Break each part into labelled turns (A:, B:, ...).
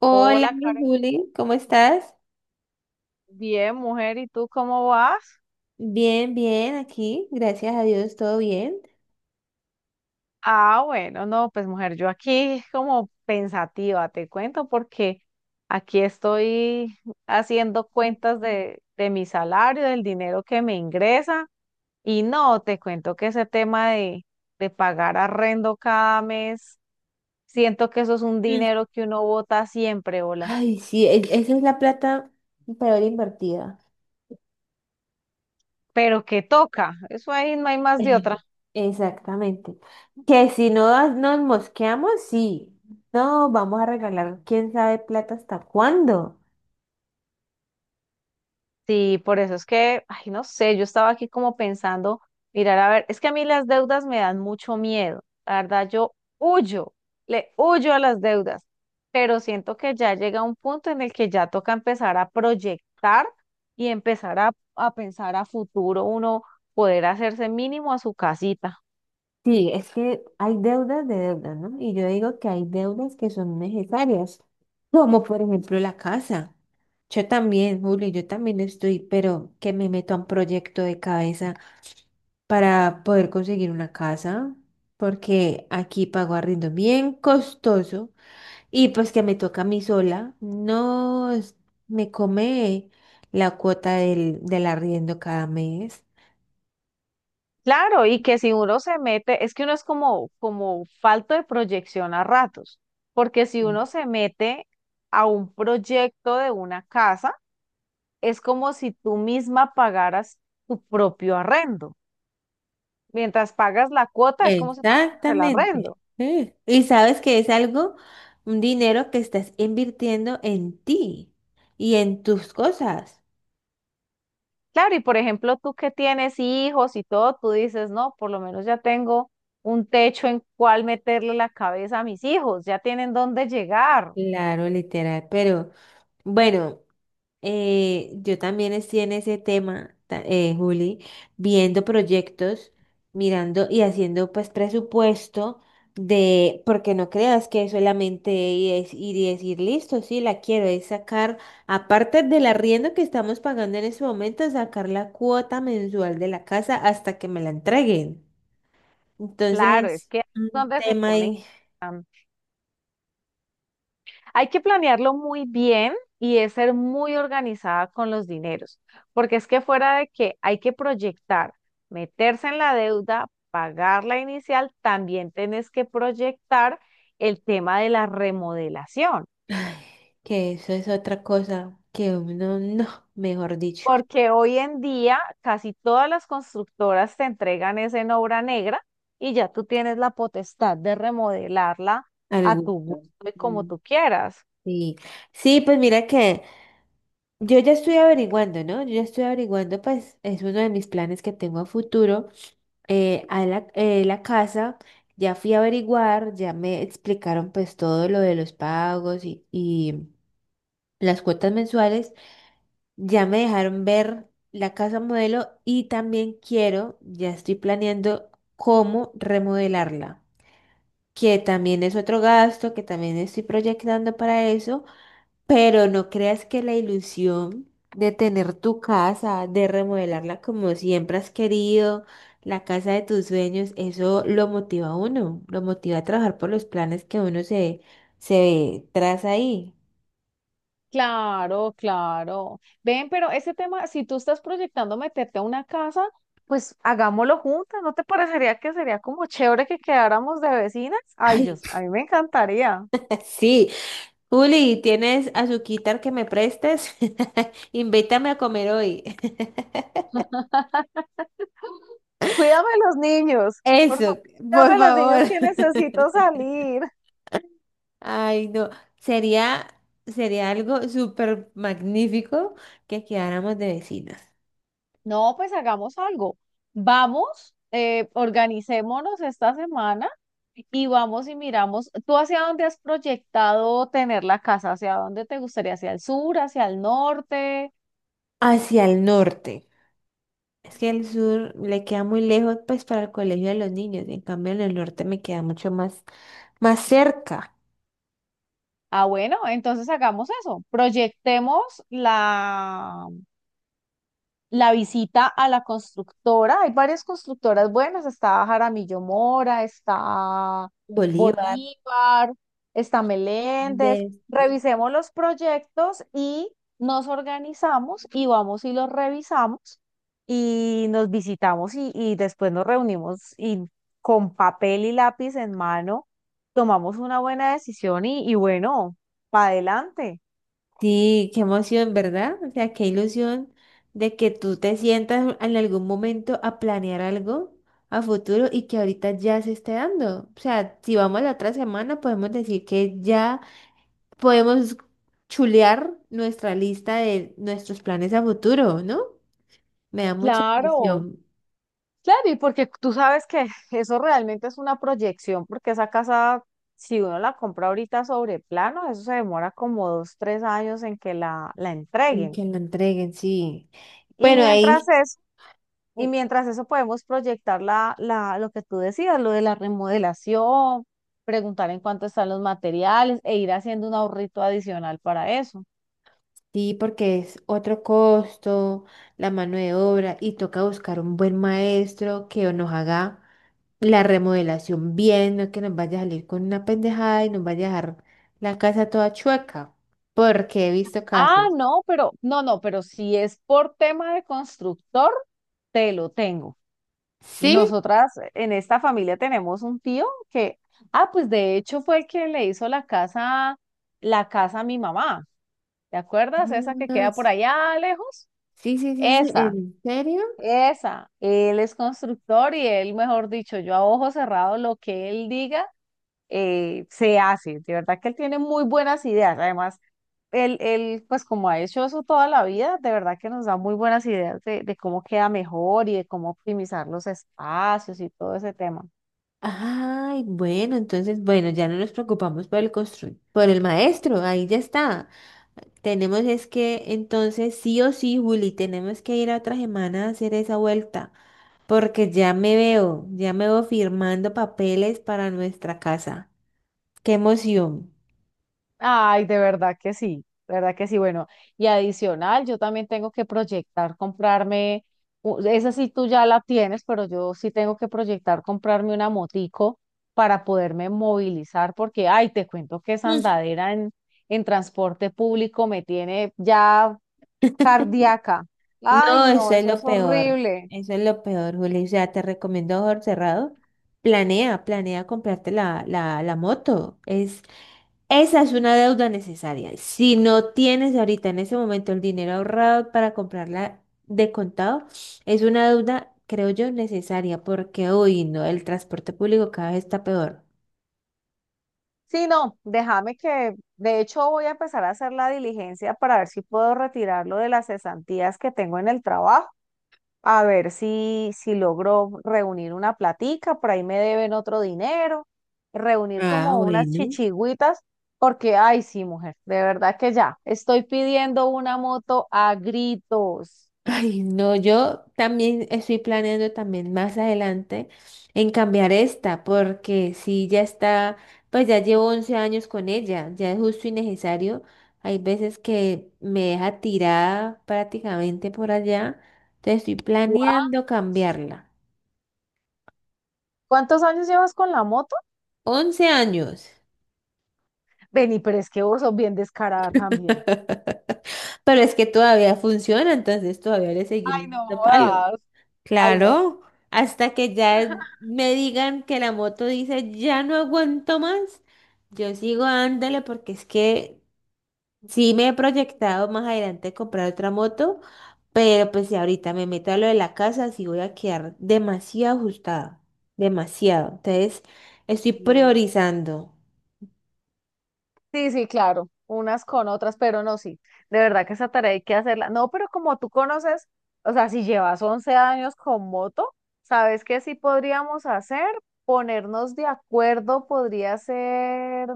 A: Hola,
B: Hola, Karen.
A: Juli, ¿cómo estás?
B: Bien, mujer, ¿y tú cómo vas?
A: Bien, bien, aquí, gracias a Dios, todo bien.
B: Ah, bueno, no, pues mujer, yo aquí como pensativa, te cuento, porque aquí estoy haciendo cuentas de mi salario, del dinero que me ingresa, y no, te cuento que ese tema de pagar arrendo cada mes, siento que eso es un
A: Mm.
B: dinero que uno bota siempre, hola,
A: Ay, sí, esa es la plata peor invertida.
B: pero que toca, eso ahí no hay más de
A: Eh,
B: otra.
A: Exactamente. Que si no nos mosqueamos, sí. No, vamos a regalar, quién sabe plata hasta cuándo.
B: Sí, por eso es que, ay, no sé, yo estaba aquí como pensando, mirar, a ver, es que a mí las deudas me dan mucho miedo, la verdad, yo huyo, le huyo a las deudas, pero siento que ya llega un punto en el que ya toca empezar a proyectar y empezar a pensar a futuro, uno poder hacerse mínimo a su casita.
A: Sí, es que hay deudas de deudas, ¿no? Y yo digo que hay deudas que son necesarias, como por ejemplo la casa. Yo también, Julio, yo también estoy, pero que me meto a un proyecto de cabeza para poder conseguir una casa, porque aquí pago arriendo bien costoso y pues que me toca a mí sola, no es- me come la cuota del arriendo cada mes.
B: Claro, y que si uno se mete, es que uno es como, como falto de proyección a ratos, porque si uno se mete a un proyecto de una casa, es como si tú misma pagaras tu propio arrendo. Mientras pagas la cuota, es como si pagaras el
A: Exactamente.
B: arrendo.
A: Sí. Y sabes que es algo, un dinero que estás invirtiendo en ti y en tus cosas.
B: Claro, y por ejemplo, tú que tienes hijos y todo, tú dices, no, por lo menos ya tengo un techo en cual meterle la cabeza a mis hijos, ya tienen dónde llegar.
A: Claro, literal. Pero bueno. Yo también estoy en ese tema, Juli, viendo proyectos, mirando y haciendo pues presupuesto de, porque no creas que solamente es ir y decir, listo, sí, la quiero, es sacar, aparte del arriendo que estamos pagando en este momento, sacar la cuota mensual de la casa hasta que me la entreguen.
B: Claro, es
A: Entonces,
B: que ahí es
A: un
B: donde se
A: tema
B: ponen.
A: ahí,
B: Hay que planearlo muy bien y es ser muy organizada con los dineros, porque es que fuera de que hay que proyectar, meterse en la deuda, pagar la inicial, también tenés que proyectar el tema de la remodelación,
A: que eso es otra cosa que uno, no, mejor dicho,
B: porque hoy en día casi todas las constructoras te entregan es en obra negra y ya tú tienes la potestad de remodelarla
A: al
B: a tu
A: gusto.
B: gusto y como
A: Mm.
B: tú quieras.
A: Sí, sí, pues mira que yo ya estoy averiguando, ¿no? Yo ya estoy averiguando, pues es uno de mis planes que tengo a futuro. La casa, ya fui a averiguar, ya me explicaron pues todo lo de los pagos y las cuotas mensuales, ya me dejaron ver la casa modelo y también quiero, ya estoy planeando cómo remodelarla, que también es otro gasto, que también estoy proyectando para eso. Pero no creas que la ilusión de tener tu casa, de remodelarla como siempre has querido, la casa de tus sueños, eso lo motiva a uno, lo motiva a trabajar por los planes que se traza ahí.
B: Claro, claro. Ven, pero ese tema, si tú estás proyectando meterte a una casa, pues hagámoslo juntas. ¿No te parecería que sería como chévere que quedáramos de vecinas? Ay,
A: Ay,
B: Dios, a mí me encantaría.
A: sí. Juli, ¿tienes azuquitar que me prestes? Invítame a comer hoy.
B: Cuídame los niños, por favor,
A: Eso, por
B: cuídame los niños
A: favor.
B: que necesito salir.
A: Ay, no, sería, sería algo súper magnífico que quedáramos de vecinas.
B: No, pues hagamos algo. Vamos, organicémonos esta semana y vamos y miramos. ¿Tú hacia dónde has proyectado tener la casa? ¿Hacia dónde te gustaría? ¿Hacia el sur, hacia el norte?
A: Hacia el norte. Es que el sur le queda muy lejos, pues, para el colegio de los niños. En cambio, en el norte me queda mucho más, más cerca.
B: Ah, bueno, entonces hagamos eso. Proyectemos la, la visita a la constructora. Hay varias constructoras buenas. Está Jaramillo Mora, está
A: Bolívar,
B: Bolívar, está Meléndez.
A: de...
B: Revisemos los proyectos y nos organizamos y vamos y los revisamos y nos visitamos y después nos reunimos y con papel y lápiz en mano tomamos una buena decisión y bueno, para adelante.
A: Sí, qué emoción, ¿verdad? O sea, qué ilusión de que tú te sientas en algún momento a planear algo a futuro y que ahorita ya se esté dando. O sea, si vamos la otra semana, podemos decir que ya podemos chulear nuestra lista de nuestros planes a futuro, ¿no? Me da mucha
B: Claro,
A: ilusión
B: claro, y porque tú sabes que eso realmente es una proyección, porque esa casa, si uno la compra ahorita sobre plano, eso se demora como 2, 3 años en que la
A: en
B: entreguen.
A: que la entreguen, sí.
B: Y
A: Bueno,
B: mientras
A: ahí
B: eso, y mientras eso podemos proyectar lo que tú decías, lo de la remodelación, preguntar en cuánto están los materiales e ir haciendo un ahorrito adicional para eso.
A: sí, porque es otro costo, la mano de obra, y toca buscar un buen maestro que nos haga la remodelación bien, no que nos vaya a salir con una pendejada y nos vaya a dejar la casa toda chueca, porque he visto
B: Ah,
A: casos.
B: no, pero, pero si es por tema de constructor, te lo tengo.
A: ¿Sí?
B: Nosotras en esta familia tenemos un tío que, ah, pues de hecho fue el que le hizo la casa a mi mamá. ¿Te acuerdas? Esa que
A: Ah,
B: queda por allá lejos.
A: sí, sí, sí, sí,
B: Esa,
A: ¿en serio?
B: esa. Él es constructor y él, mejor dicho, yo a ojo cerrado, lo que él diga, se hace. De verdad que él tiene muy buenas ideas. Además, pues como ha hecho eso toda la vida, de verdad que nos da muy buenas ideas de cómo queda mejor y de cómo optimizar los espacios y todo ese tema.
A: Ay, bueno, entonces, bueno, ya no nos preocupamos por el por el maestro, ahí ya está. Tenemos es que, entonces, sí o sí, Juli, tenemos que ir a otra semana a hacer esa vuelta, porque ya me veo firmando papeles para nuestra casa. ¡Qué emoción!
B: Ay, de verdad que sí, de verdad que sí. Bueno, y adicional, yo también tengo que proyectar comprarme, esa sí tú ya la tienes, pero yo sí tengo que proyectar comprarme una motico para poderme movilizar, porque, ay, te cuento que esa andadera en transporte público me tiene ya cardíaca.
A: Mm,
B: Ay,
A: no,
B: no,
A: eso es
B: eso
A: lo
B: es
A: peor,
B: horrible.
A: eso es lo peor, Juli. O sea, te recomiendo a ojos cerrados, planea, planea comprarte la moto. Es Esa es una deuda necesaria. Si no tienes ahorita en ese momento el dinero ahorrado para comprarla de contado, es una deuda, creo yo, necesaria porque hoy no, el transporte público cada vez está peor.
B: Sí, no, déjame que, de hecho, voy a empezar a hacer la diligencia para ver si puedo retirarlo de las cesantías que tengo en el trabajo a ver si logro reunir una platica, por ahí me deben otro dinero, reunir
A: Ah,
B: como unas
A: bueno.
B: chichigüitas, porque, ay, sí, mujer, de verdad que ya, estoy pidiendo una moto a gritos.
A: Ay, no, yo también estoy planeando también más adelante en cambiar esta, porque si ya está, pues ya llevo 11 años con ella, ya es justo y necesario. Hay veces que me deja tirada prácticamente por allá, entonces estoy
B: Guau,
A: planeando cambiarla.
B: ¿cuántos años llevas con la moto?
A: 11 años,
B: Vení, pero es que vos sos bien descarada también.
A: pero es que todavía funciona, entonces todavía le
B: Ay,
A: seguimos
B: no
A: dando palo.
B: jodas. Ay, no.
A: Claro, hasta que ya me digan que la moto dice ya no aguanto más, yo sigo ándale porque es que sí me he proyectado más adelante comprar otra moto, pero pues si ahorita me meto a lo de la casa, sí voy a quedar demasiado ajustada, demasiado. Entonces, estoy
B: Sí.
A: priorizando.
B: Sí, sí, claro, unas con otras, pero no, sí, de verdad que esa tarea hay que hacerla. No, pero como tú conoces, o sea, si llevas 11 años con moto, ¿sabes qué sí podríamos hacer? Ponernos de acuerdo podría ser,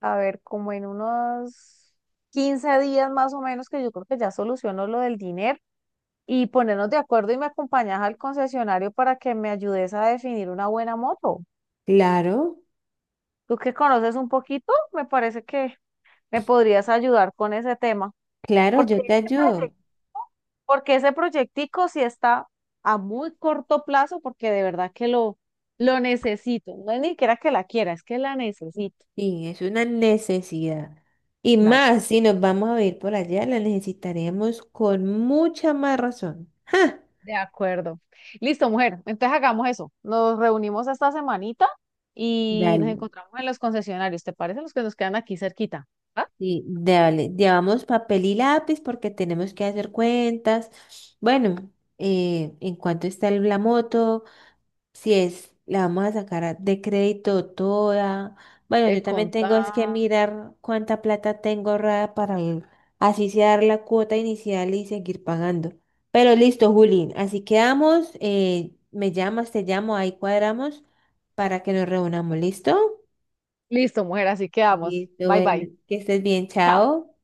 B: a ver, como en unos 15 días más o menos, que yo creo que ya soluciono lo del dinero, y ponernos de acuerdo y me acompañas al concesionario para que me ayudes a definir una buena moto.
A: Claro,
B: Tú que conoces un poquito, me parece que me podrías ayudar con ese tema.
A: claro,
B: Porque
A: yo te
B: ese
A: ayudo.
B: proyecto, porque ese proyectico sí está a muy corto plazo, porque de verdad que lo necesito. No es ni siquiera que la quiera, es que la necesito.
A: Sí, es una necesidad. Y
B: Dale.
A: más, si nos vamos a ir por allá, la necesitaremos con mucha más razón. ¡Ja!
B: De acuerdo. Listo, mujer. Entonces hagamos eso. Nos reunimos esta semanita y nos
A: Dale.
B: encontramos en los concesionarios. ¿Te parece? Los que nos quedan aquí cerquita. ¿Va?
A: Sí, dale, llevamos papel y lápiz porque tenemos que hacer cuentas. Bueno, ¿en cuánto está la moto? Si es, la vamos a sacar de crédito toda. Bueno,
B: Te
A: yo también
B: conta.
A: tengo es que mirar cuánta plata tengo ahorrada para así sea dar la cuota inicial y seguir pagando. Pero listo, Juli, así quedamos. Me llamas, te llamo, ahí cuadramos para que nos reunamos. ¿Listo?
B: Listo, mujer. Así quedamos.
A: Listo,
B: Bye,
A: bueno,
B: bye.
A: que estés bien,
B: Chao.
A: chao.